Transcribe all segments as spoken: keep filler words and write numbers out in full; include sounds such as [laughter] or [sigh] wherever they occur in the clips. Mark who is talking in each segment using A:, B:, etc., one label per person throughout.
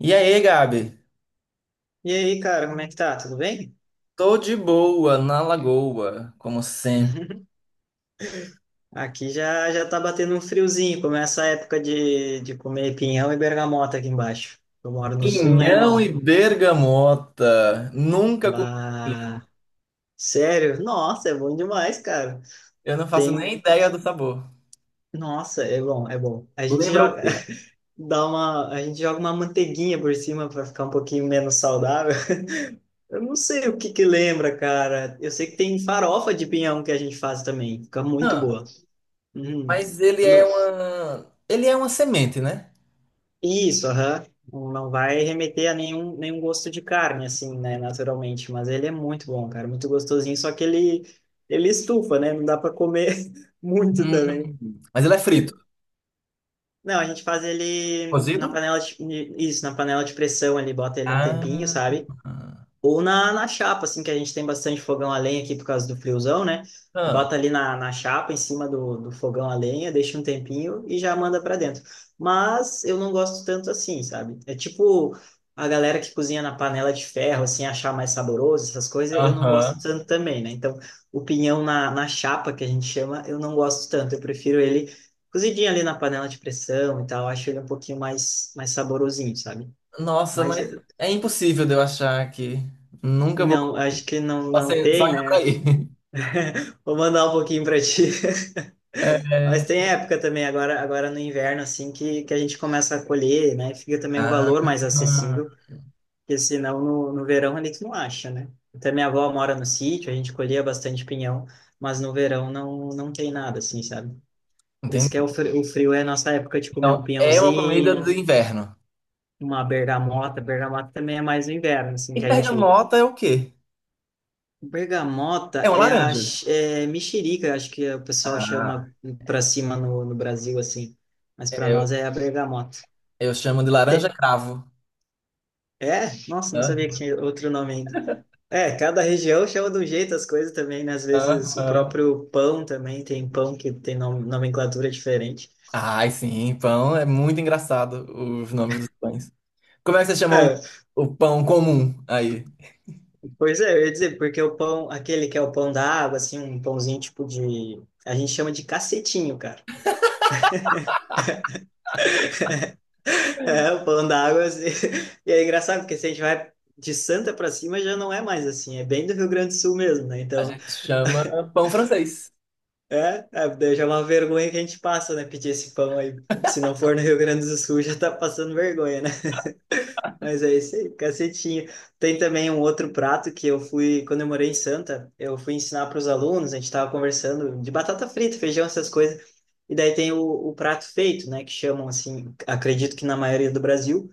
A: E aí, Gabi?
B: E aí, cara, como é que tá? Tudo bem?
A: Tô de boa na lagoa, como sempre.
B: [laughs] Aqui já já tá batendo um friozinho, começa a época de, de comer pinhão e bergamota aqui embaixo. Eu moro no sul, né,
A: Pinhão e
B: irmão?
A: bergamota. Nunca comi.
B: Bah, sério? Nossa, é bom demais, cara.
A: Eu não faço nem
B: Tem,
A: ideia do sabor.
B: nossa, é bom, é bom. A gente
A: Lembra o
B: joga
A: quê?
B: [laughs] dá uma, a gente joga uma manteiguinha por cima para ficar um pouquinho menos saudável. [laughs] Eu não sei o que que lembra, cara. Eu sei que tem farofa de pinhão que a gente faz também, fica muito
A: Ah,
B: boa. Uhum.
A: mas ele é uma. Ele é uma semente, né?
B: Isso, aham. Não vai remeter a nenhum, nenhum gosto de carne, assim, né, naturalmente. Mas ele é muito bom, cara, muito gostosinho. Só que ele, ele estufa, né? Não dá para comer [laughs] muito também.
A: Hum. Mas ele é frito.
B: Não, a gente faz ele na
A: Cozido?
B: panela de, isso, na panela de pressão ali, bota ele um tempinho,
A: Ah.
B: sabe? Ou na, na chapa, assim, que a gente tem bastante fogão a lenha aqui por causa do friozão, né?
A: Ah.
B: Bota ali na, na chapa, em cima do, do fogão a lenha, deixa um tempinho e já manda para dentro. Mas eu não gosto tanto assim, sabe? É tipo a galera que cozinha na panela de ferro, assim, achar mais saboroso, essas coisas, eu não gosto
A: Aham.
B: tanto também, né? Então, o pinhão na, na chapa, que a gente chama, eu não gosto tanto. Eu prefiro ele cozidinho ali na panela de pressão e tal. Acho ele um pouquinho mais, mais saborosinho, sabe?
A: Nossa,
B: Mas
A: mas
B: eh,
A: é impossível de eu achar aqui. Nunca vou.
B: não, acho que não,
A: Só
B: não
A: se- Só
B: tem,
A: indo pra
B: né?
A: aí.
B: Vou mandar um pouquinho para ti. [laughs]
A: [laughs]
B: Mas
A: É.
B: tem época também, agora, agora no inverno, assim, que, que a gente começa a colher, né? Fica também um
A: Ah.
B: valor mais acessível, porque senão no, no verão a gente não acha, né? Até minha avó mora no sítio, a gente colhia bastante pinhão, mas no verão não, não tem nada, assim, sabe? Por isso que é
A: Entendi.
B: o frio, o frio é a nossa época de comer um
A: Então, é uma comida do
B: pinhãozinho,
A: inverno.
B: uma bergamota. Bergamota também é mais no inverno, assim,
A: E
B: que a gente.
A: bergamota é o quê?
B: Bergamota
A: É uma
B: é a
A: laranja.
B: x- é mexerica, acho que o pessoal
A: Ah,
B: chama pra cima no, no Brasil, assim. Mas pra nós
A: eu,
B: é a bergamota.
A: eu chamo de laranja
B: Te-
A: cravo.
B: É? Nossa, não sabia que
A: Hã?
B: tinha outro nome ainda. É, cada região chama de um jeito as coisas também, né? Às
A: Hã?
B: vezes o
A: Hã?
B: próprio pão também tem pão que tem nom- nomenclatura diferente.
A: Ai, sim, pão. É muito engraçado os nomes dos pães. Como é que vocês chamam
B: É,
A: o pão comum aí?
B: pois é, eu ia dizer, porque o pão, aquele que é o pão da água, assim, um pãozinho tipo de. A gente chama de cacetinho, cara. É, falando da água, assim, [laughs] e é engraçado, porque se a gente vai de Santa para cima, já não é mais assim, é bem do Rio Grande do Sul mesmo, né?
A: A
B: Então,
A: gente chama pão francês.
B: é, é, daí já é uma vergonha que a gente passa, né? Pedir esse pão aí. Se não for no Rio Grande do Sul, [laughs] já tá passando vergonha, né? Mas é isso aí, cacetinho. Tem também um outro prato que eu fui, quando eu morei em Santa, eu fui ensinar para os alunos, a gente tava conversando de batata frita, feijão, essas coisas. E daí tem o, o prato feito, né? Que chamam assim, acredito que na maioria do Brasil.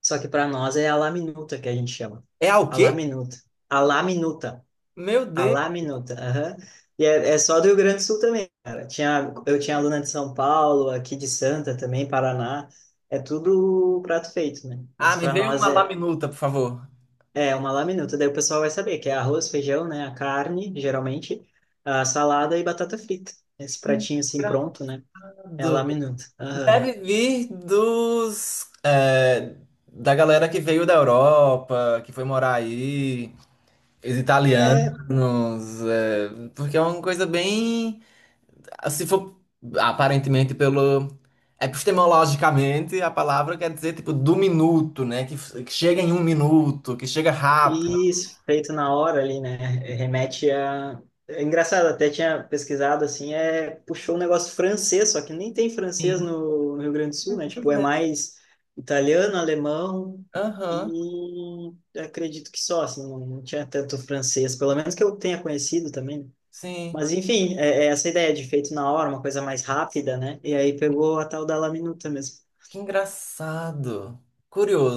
B: Só que para nós é a la minuta que a gente chama.
A: É ao
B: A la
A: quê?
B: minuta. A la minuta.
A: Meu
B: A
A: Deus.
B: la minuta. Aham. E é, é só do Rio Grande do Sul também, cara. Tinha, eu tinha aluna de São Paulo, aqui de Santa também, Paraná. É tudo prato feito, né?
A: Ah,
B: Mas
A: me
B: para
A: veio
B: nós
A: uma
B: é,
A: laminuta, por favor.
B: é uma la minuta. Daí o pessoal vai saber que é arroz, feijão, né? A carne, geralmente, a salada e batata frita. Esse
A: Que
B: pratinho assim pronto, né? É a la
A: engraçado.
B: minuta. Aham.
A: Deve vir dos, é, da galera que veio da Europa, que foi morar aí, os
B: É,
A: italianos, é, porque é uma coisa bem, se for aparentemente pelo epistemologicamente, a palavra quer dizer tipo do minuto, né? Que, que chega em um minuto, que chega rápido.
B: isso, feito na hora ali, né? Remete a. É engraçado, até tinha pesquisado assim, é... puxou um negócio francês, só que nem tem francês no, no Rio Grande do Sul, né? Tipo, é mais italiano, alemão
A: Aham,
B: e acredito que só, assim, não, não tinha tanto francês, pelo menos que eu tenha conhecido também, né?
A: sim.
B: Mas enfim, é, é essa ideia de feito na hora, uma coisa mais rápida, né? E aí pegou a tal da laminuta mesmo.
A: Que engraçado.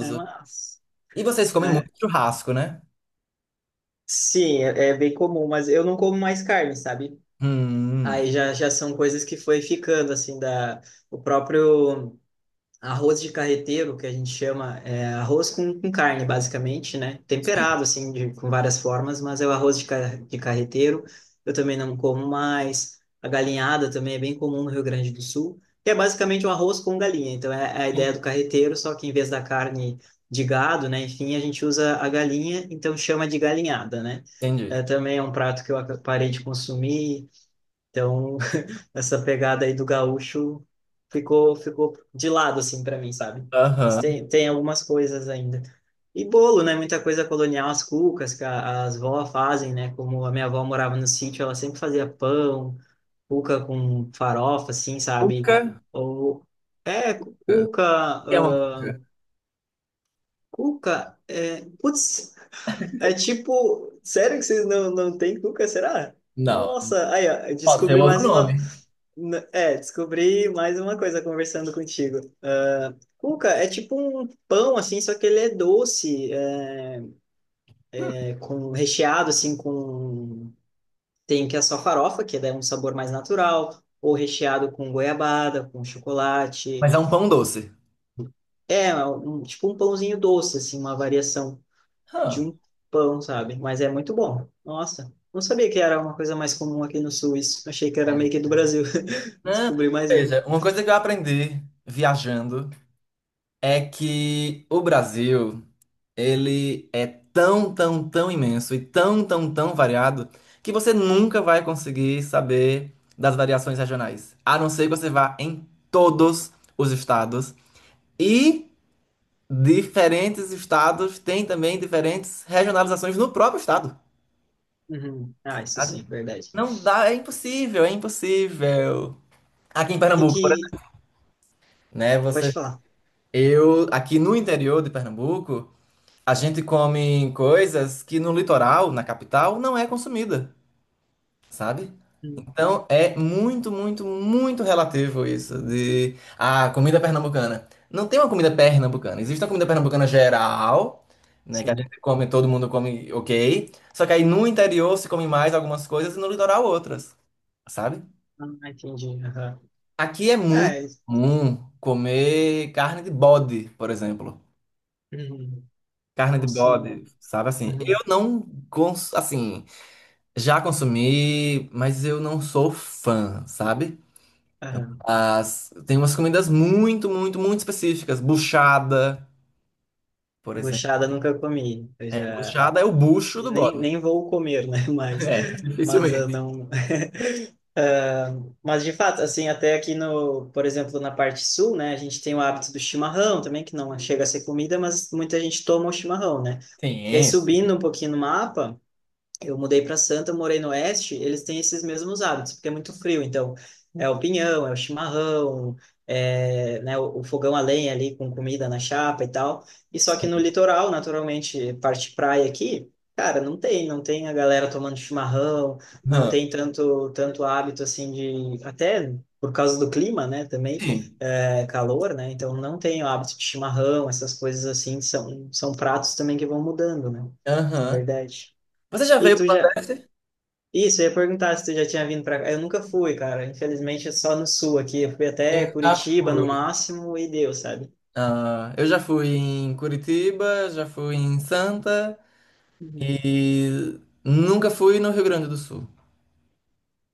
B: É, mas...
A: E vocês comem
B: é,
A: muito churrasco, né?
B: sim, é é bem comum, mas eu não como mais carne, sabe?
A: Hum,
B: Aí já, já são coisas que foi ficando, assim, da, o próprio arroz de carreteiro, que a gente chama, é arroz com, com carne, basicamente, né? Temperado, assim, de, com várias formas, mas é o arroz de, ca- de carreteiro, eu também não como mais. A galinhada também é bem comum no Rio Grande do Sul, que é basicamente um arroz com galinha. Então, é, é a ideia do carreteiro, só que em vez da carne de gado, né? Enfim, a gente usa a galinha, então chama de galinhada, né?
A: entendi.
B: É, também é um prato que eu ac- parei de consumir. Então, essa pegada aí do gaúcho ficou ficou de lado assim para mim, sabe? Mas
A: Aham.
B: tem tem algumas coisas ainda. E bolo, né? Muita coisa colonial, as cucas que a- as vó fazem, né? Como a minha avó morava no sítio, ela sempre fazia pão, cuca com farofa, assim, sabe?
A: Cuca
B: Ou é cuca,
A: é um...
B: ah, cuca, é, putz, é tipo, sério que vocês não não tem cuca, será?
A: Não,
B: Nossa, aí ó, eu
A: pode ser um
B: descobri
A: outro
B: mais uma.
A: nome,
B: N- É, descobri mais uma coisa conversando contigo. Ah, cuca é tipo um pão, assim, só que ele é doce, é, com recheado, assim, com... Tem que é só farofa, que dá um sabor mais natural, ou recheado com goiabada, com chocolate.
A: mas é um pão doce.
B: É, é um- tipo um pãozinho doce, assim, uma variação de
A: Hã,
B: um pão, sabe? Mas é muito bom. Nossa, não sabia que era uma coisa mais comum aqui no Sul, isso. Achei que era
A: é,
B: meio que do Brasil. [laughs]
A: né?
B: Descobri mais uma.
A: Veja, uma coisa que eu aprendi viajando é que o Brasil, ele é tão, tão, tão imenso e tão, tão, tão variado que você nunca vai conseguir saber das variações regionais, a não ser que você vá em todos os estados e diferentes estados têm também diferentes regionalizações no próprio estado.
B: Uhum. Ah, isso sim, verdade.
A: Não dá, é impossível, é impossível. Aqui em
B: E
A: Pernambuco, por
B: que.
A: exemplo, né?
B: Pode
A: Você,
B: falar.
A: eu, aqui no interior de Pernambuco, a gente come coisas que no litoral, na capital, não é consumida, sabe?
B: Hum,
A: Então é muito, muito, muito relativo isso de a comida pernambucana. Não tem uma comida pernambucana. Existe uma comida pernambucana geral, né? Que a
B: sim.
A: gente come, todo mundo come, ok. Só que aí no interior se come mais algumas coisas e no litoral outras, sabe?
B: Ah, entendi. Aham.
A: Aqui é muito
B: É.
A: comum comer carne de bode, por exemplo.
B: Uhum.
A: Carne de
B: Nossa.
A: bode, sabe assim? Eu
B: Uhum.
A: não, cons assim, já consumi, mas eu não sou fã, sabe?
B: Aham.
A: As, tem umas comidas muito, muito, muito específicas. Buchada, por exemplo.
B: Buchada eu nunca comi. Eu
A: É,
B: já...
A: buchada é o bucho
B: E
A: do
B: nem,
A: bode.
B: nem
A: [laughs]
B: vou comer, né? [laughs] Mas,
A: É,
B: mas eu
A: dificilmente.
B: não... [laughs] Ah, mas de fato, assim, até aqui no, por exemplo, na parte sul, né, a gente tem o hábito do chimarrão também, que não chega a ser comida, mas muita gente toma o chimarrão, né? E aí
A: Tem,
B: subindo um pouquinho no mapa, eu mudei para Santa, morei no Oeste, eles têm esses mesmos hábitos, porque é muito frio, então é o pinhão, é o chimarrão, é, né, o, o fogão a lenha ali com comida na chapa e tal. E só que no
A: sim.
B: litoral, naturalmente, parte praia aqui, cara, não tem, não tem a galera tomando chimarrão, não
A: Aham.
B: tem tanto tanto hábito assim de até por causa do clima, né, também
A: Sim.
B: é, calor, né? Então não tem o hábito de chimarrão, essas coisas assim são são pratos também que vão mudando, né? Na
A: Aham.
B: verdade.
A: Você já
B: E
A: veio
B: tu
A: pro
B: já,
A: Nordeste?
B: isso, eu ia perguntar se tu já tinha vindo pra cá. Eu nunca fui, cara. Infelizmente, é só no sul aqui. Eu fui
A: Eu
B: até
A: já
B: Curitiba no
A: fui.
B: máximo e deu, sabe?
A: Ah, eu já fui em Curitiba, já fui em Santa
B: Uhum.
A: e nunca fui no Rio Grande do Sul.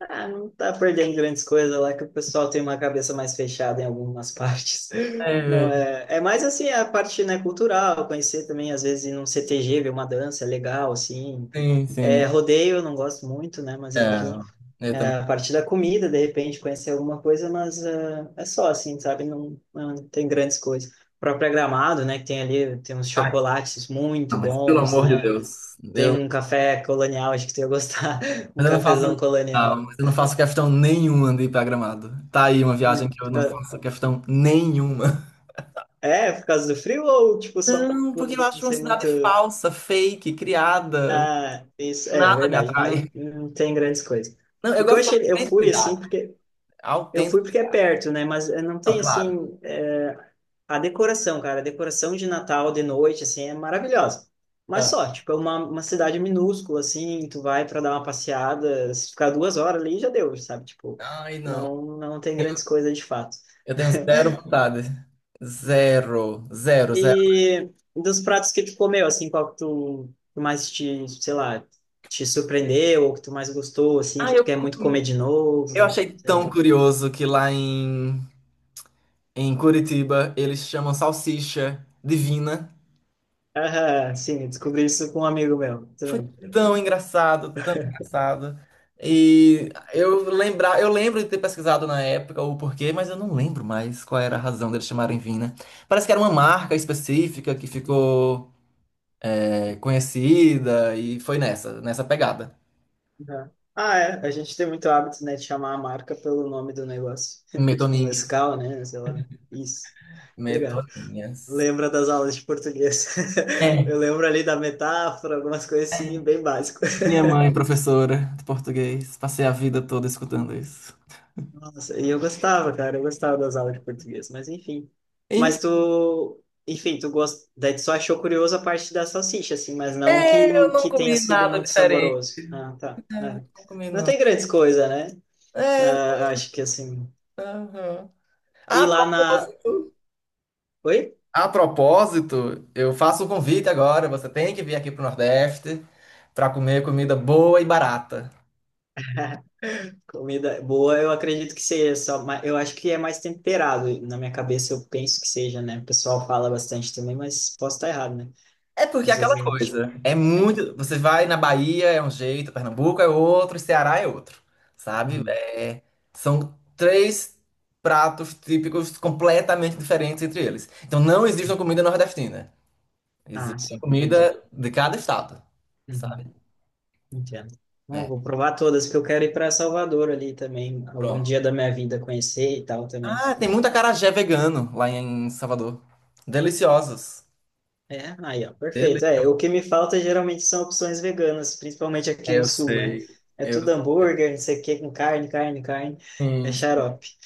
B: Ah, não tá perdendo grandes coisas lá que o pessoal tem uma cabeça mais fechada em algumas [laughs] partes. Não,
A: É,
B: é, é mais assim a parte, né, cultural, conhecer também, às vezes, ir num C T G, ver uma dança, é legal, assim.
A: sim, sim.
B: É, rodeio eu não gosto muito, né, mas
A: É,
B: enfim.
A: eu
B: É,
A: também.
B: a partir da comida, de repente, conhecer alguma coisa, mas é, é só assim, sabe? Não, não tem grandes coisas. O próprio Gramado, né? Que tem ali, tem uns
A: Ai,
B: chocolates muito
A: não, mas pelo
B: bons,
A: amor de
B: né?
A: Deus.
B: Tem
A: Eu,
B: um café colonial, acho que tu ia gostar. [laughs] Um
A: mas eu não faço,
B: cafezão
A: não, mas
B: colonial.
A: eu não faço questão nenhuma de ir pra Gramado. Tá aí uma viagem que
B: Muito-
A: eu não faço questão nenhuma.
B: é, é por causa do frio ou, tipo, só
A: Não,
B: por,
A: porque eu
B: assim,
A: acho uma
B: ser
A: cidade
B: muito...
A: falsa, fake, criada.
B: Ah, isso, é
A: Nada me
B: verdade. Não,
A: atrai.
B: não tem grandes coisas.
A: Não, eu
B: O que eu
A: gosto da
B: achei... Eu fui, assim,
A: autenticidade.
B: porque... Eu fui
A: Autêntica,
B: porque é perto, né? Mas eh, não
A: não,
B: tem,
A: claro.
B: assim eh, a decoração, cara, a decoração de Natal de noite, assim, é maravilhosa. Mas
A: Ah,
B: só, tipo, é uma, uma cidade minúscula, assim, tu vai para dar uma passeada, se ficar duas horas ali, já deu, sabe? Tipo,
A: ai, não.
B: não, não tem grandes coisas de fato.
A: Eu tenho zero vontade. Zero, zero, zero.
B: E dos pratos que tu comeu, assim, qual que tu tu mais te, sei lá, te surpreendeu, ou que tu mais gostou, assim,
A: Ah,
B: que tu
A: eu
B: quer muito comer
A: comi.
B: de
A: Eu
B: novo,
A: achei
B: sei
A: tão
B: lá.
A: curioso que lá em, em Curitiba eles chamam salsicha divina.
B: Aham, sim, eu descobri isso com um amigo meu,
A: Foi
B: também.
A: tão engraçado, tão engraçado. E eu lembrar, eu lembro de ter pesquisado na época o porquê, mas eu não lembro mais qual era a razão deles chamarem Vina. Parece que era uma marca específica que ficou é, conhecida e foi nessa, nessa pegada.
B: Uhum. Ah, é. A gente tem muito hábito, né, de chamar a marca pelo nome do negócio. [laughs] Tipo
A: Metoninha,
B: Nescau, né? Sei lá. Isso. Obrigado.
A: metoninhas.
B: Lembra das aulas de português. [laughs] Eu
A: É.
B: lembro ali da metáfora, algumas coisas assim, bem básicas.
A: Minha mãe, professora de português, passei a vida toda escutando isso.
B: [laughs] Nossa, e eu gostava, cara. Eu gostava das aulas de português, mas enfim. Mas
A: Enfim,
B: tu... Enfim, tu gost... Daí tu só achou curioso a parte da salsicha, assim, mas não que,
A: eu não
B: que tenha
A: comi
B: sido
A: nada
B: muito
A: diferente.
B: saboroso. Ah, tá. É.
A: Não comi,
B: Não
A: não.
B: tem grandes coisas, né?
A: É,
B: Ah, acho que assim...
A: aham.
B: E
A: A
B: lá na,
A: propósito,
B: oi?
A: a propósito, eu faço um convite agora. Você tem que vir aqui pro Nordeste para comer comida boa e barata.
B: Comida boa, eu acredito que seja só, ma- eu acho que é mais temperado. Na minha cabeça eu penso que seja, né? O pessoal fala bastante também, mas posso estar errado, né?
A: É porque é
B: Às vezes
A: aquela
B: a gente.
A: coisa. É
B: a gente-
A: muito. Você vai na Bahia, é um jeito, Pernambuco é outro, Ceará é outro. Sabe?
B: uhum.
A: É, são três pratos típicos completamente diferentes entre eles. Então não existe uma comida nordestina.
B: Ah,
A: Existe
B: sim,
A: uma
B: entendi.
A: comida de cada estado.
B: Uhum.
A: Sabe?
B: Entendo. Bom,
A: É.
B: vou provar todas, porque eu quero ir para Salvador ali também, algum
A: Pronto.
B: dia da minha vida conhecer e tal também.
A: Ah, tem muita acarajé vegano lá em Salvador. Deliciosos.
B: É, aí, ó, perfeito. É,
A: Deliciosos.
B: o que me falta geralmente são opções veganas, principalmente aqui no
A: Eu
B: sul, né?
A: sei.
B: É
A: Eu
B: tudo hambúrguer, não sei o que, com carne, carne, carne. É
A: sim.
B: xarope.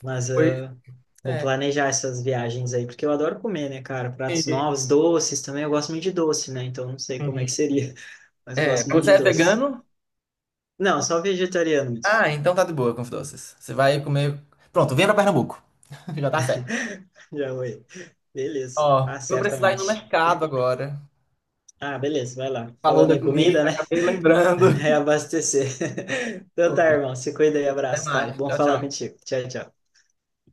B: Mas
A: Pois
B: ah, vou
A: é.
B: planejar essas viagens aí, porque eu adoro comer, né, cara?
A: Sim,
B: Pratos
A: sim.
B: novos, doces também. Eu gosto muito de doce, né? Então não sei como é que seria, [laughs] mas eu
A: É,
B: gosto muito
A: você
B: de
A: é
B: doce.
A: vegano?
B: Não, só vegetariano mesmo.
A: Ah, então tá de boa com os doces. Você vai comer. Pronto, vem pra Pernambuco. [laughs] Já tá certo.
B: [laughs] Já foi.
A: Ó,
B: Beleza. Ah,
A: eu vou precisar ir no
B: certamente.
A: mercado agora.
B: Ah, beleza, vai lá.
A: Falou
B: Falando
A: da
B: em comida,
A: comida,
B: né?
A: acabei lembrando.
B: [laughs] Reabastecer. [laughs] Então tá,
A: [laughs]
B: irmão. Se cuida e
A: Até
B: abraço, tá?
A: mais.
B: Bom
A: Tchau,
B: falar
A: tchau.
B: contigo. Tchau, tchau.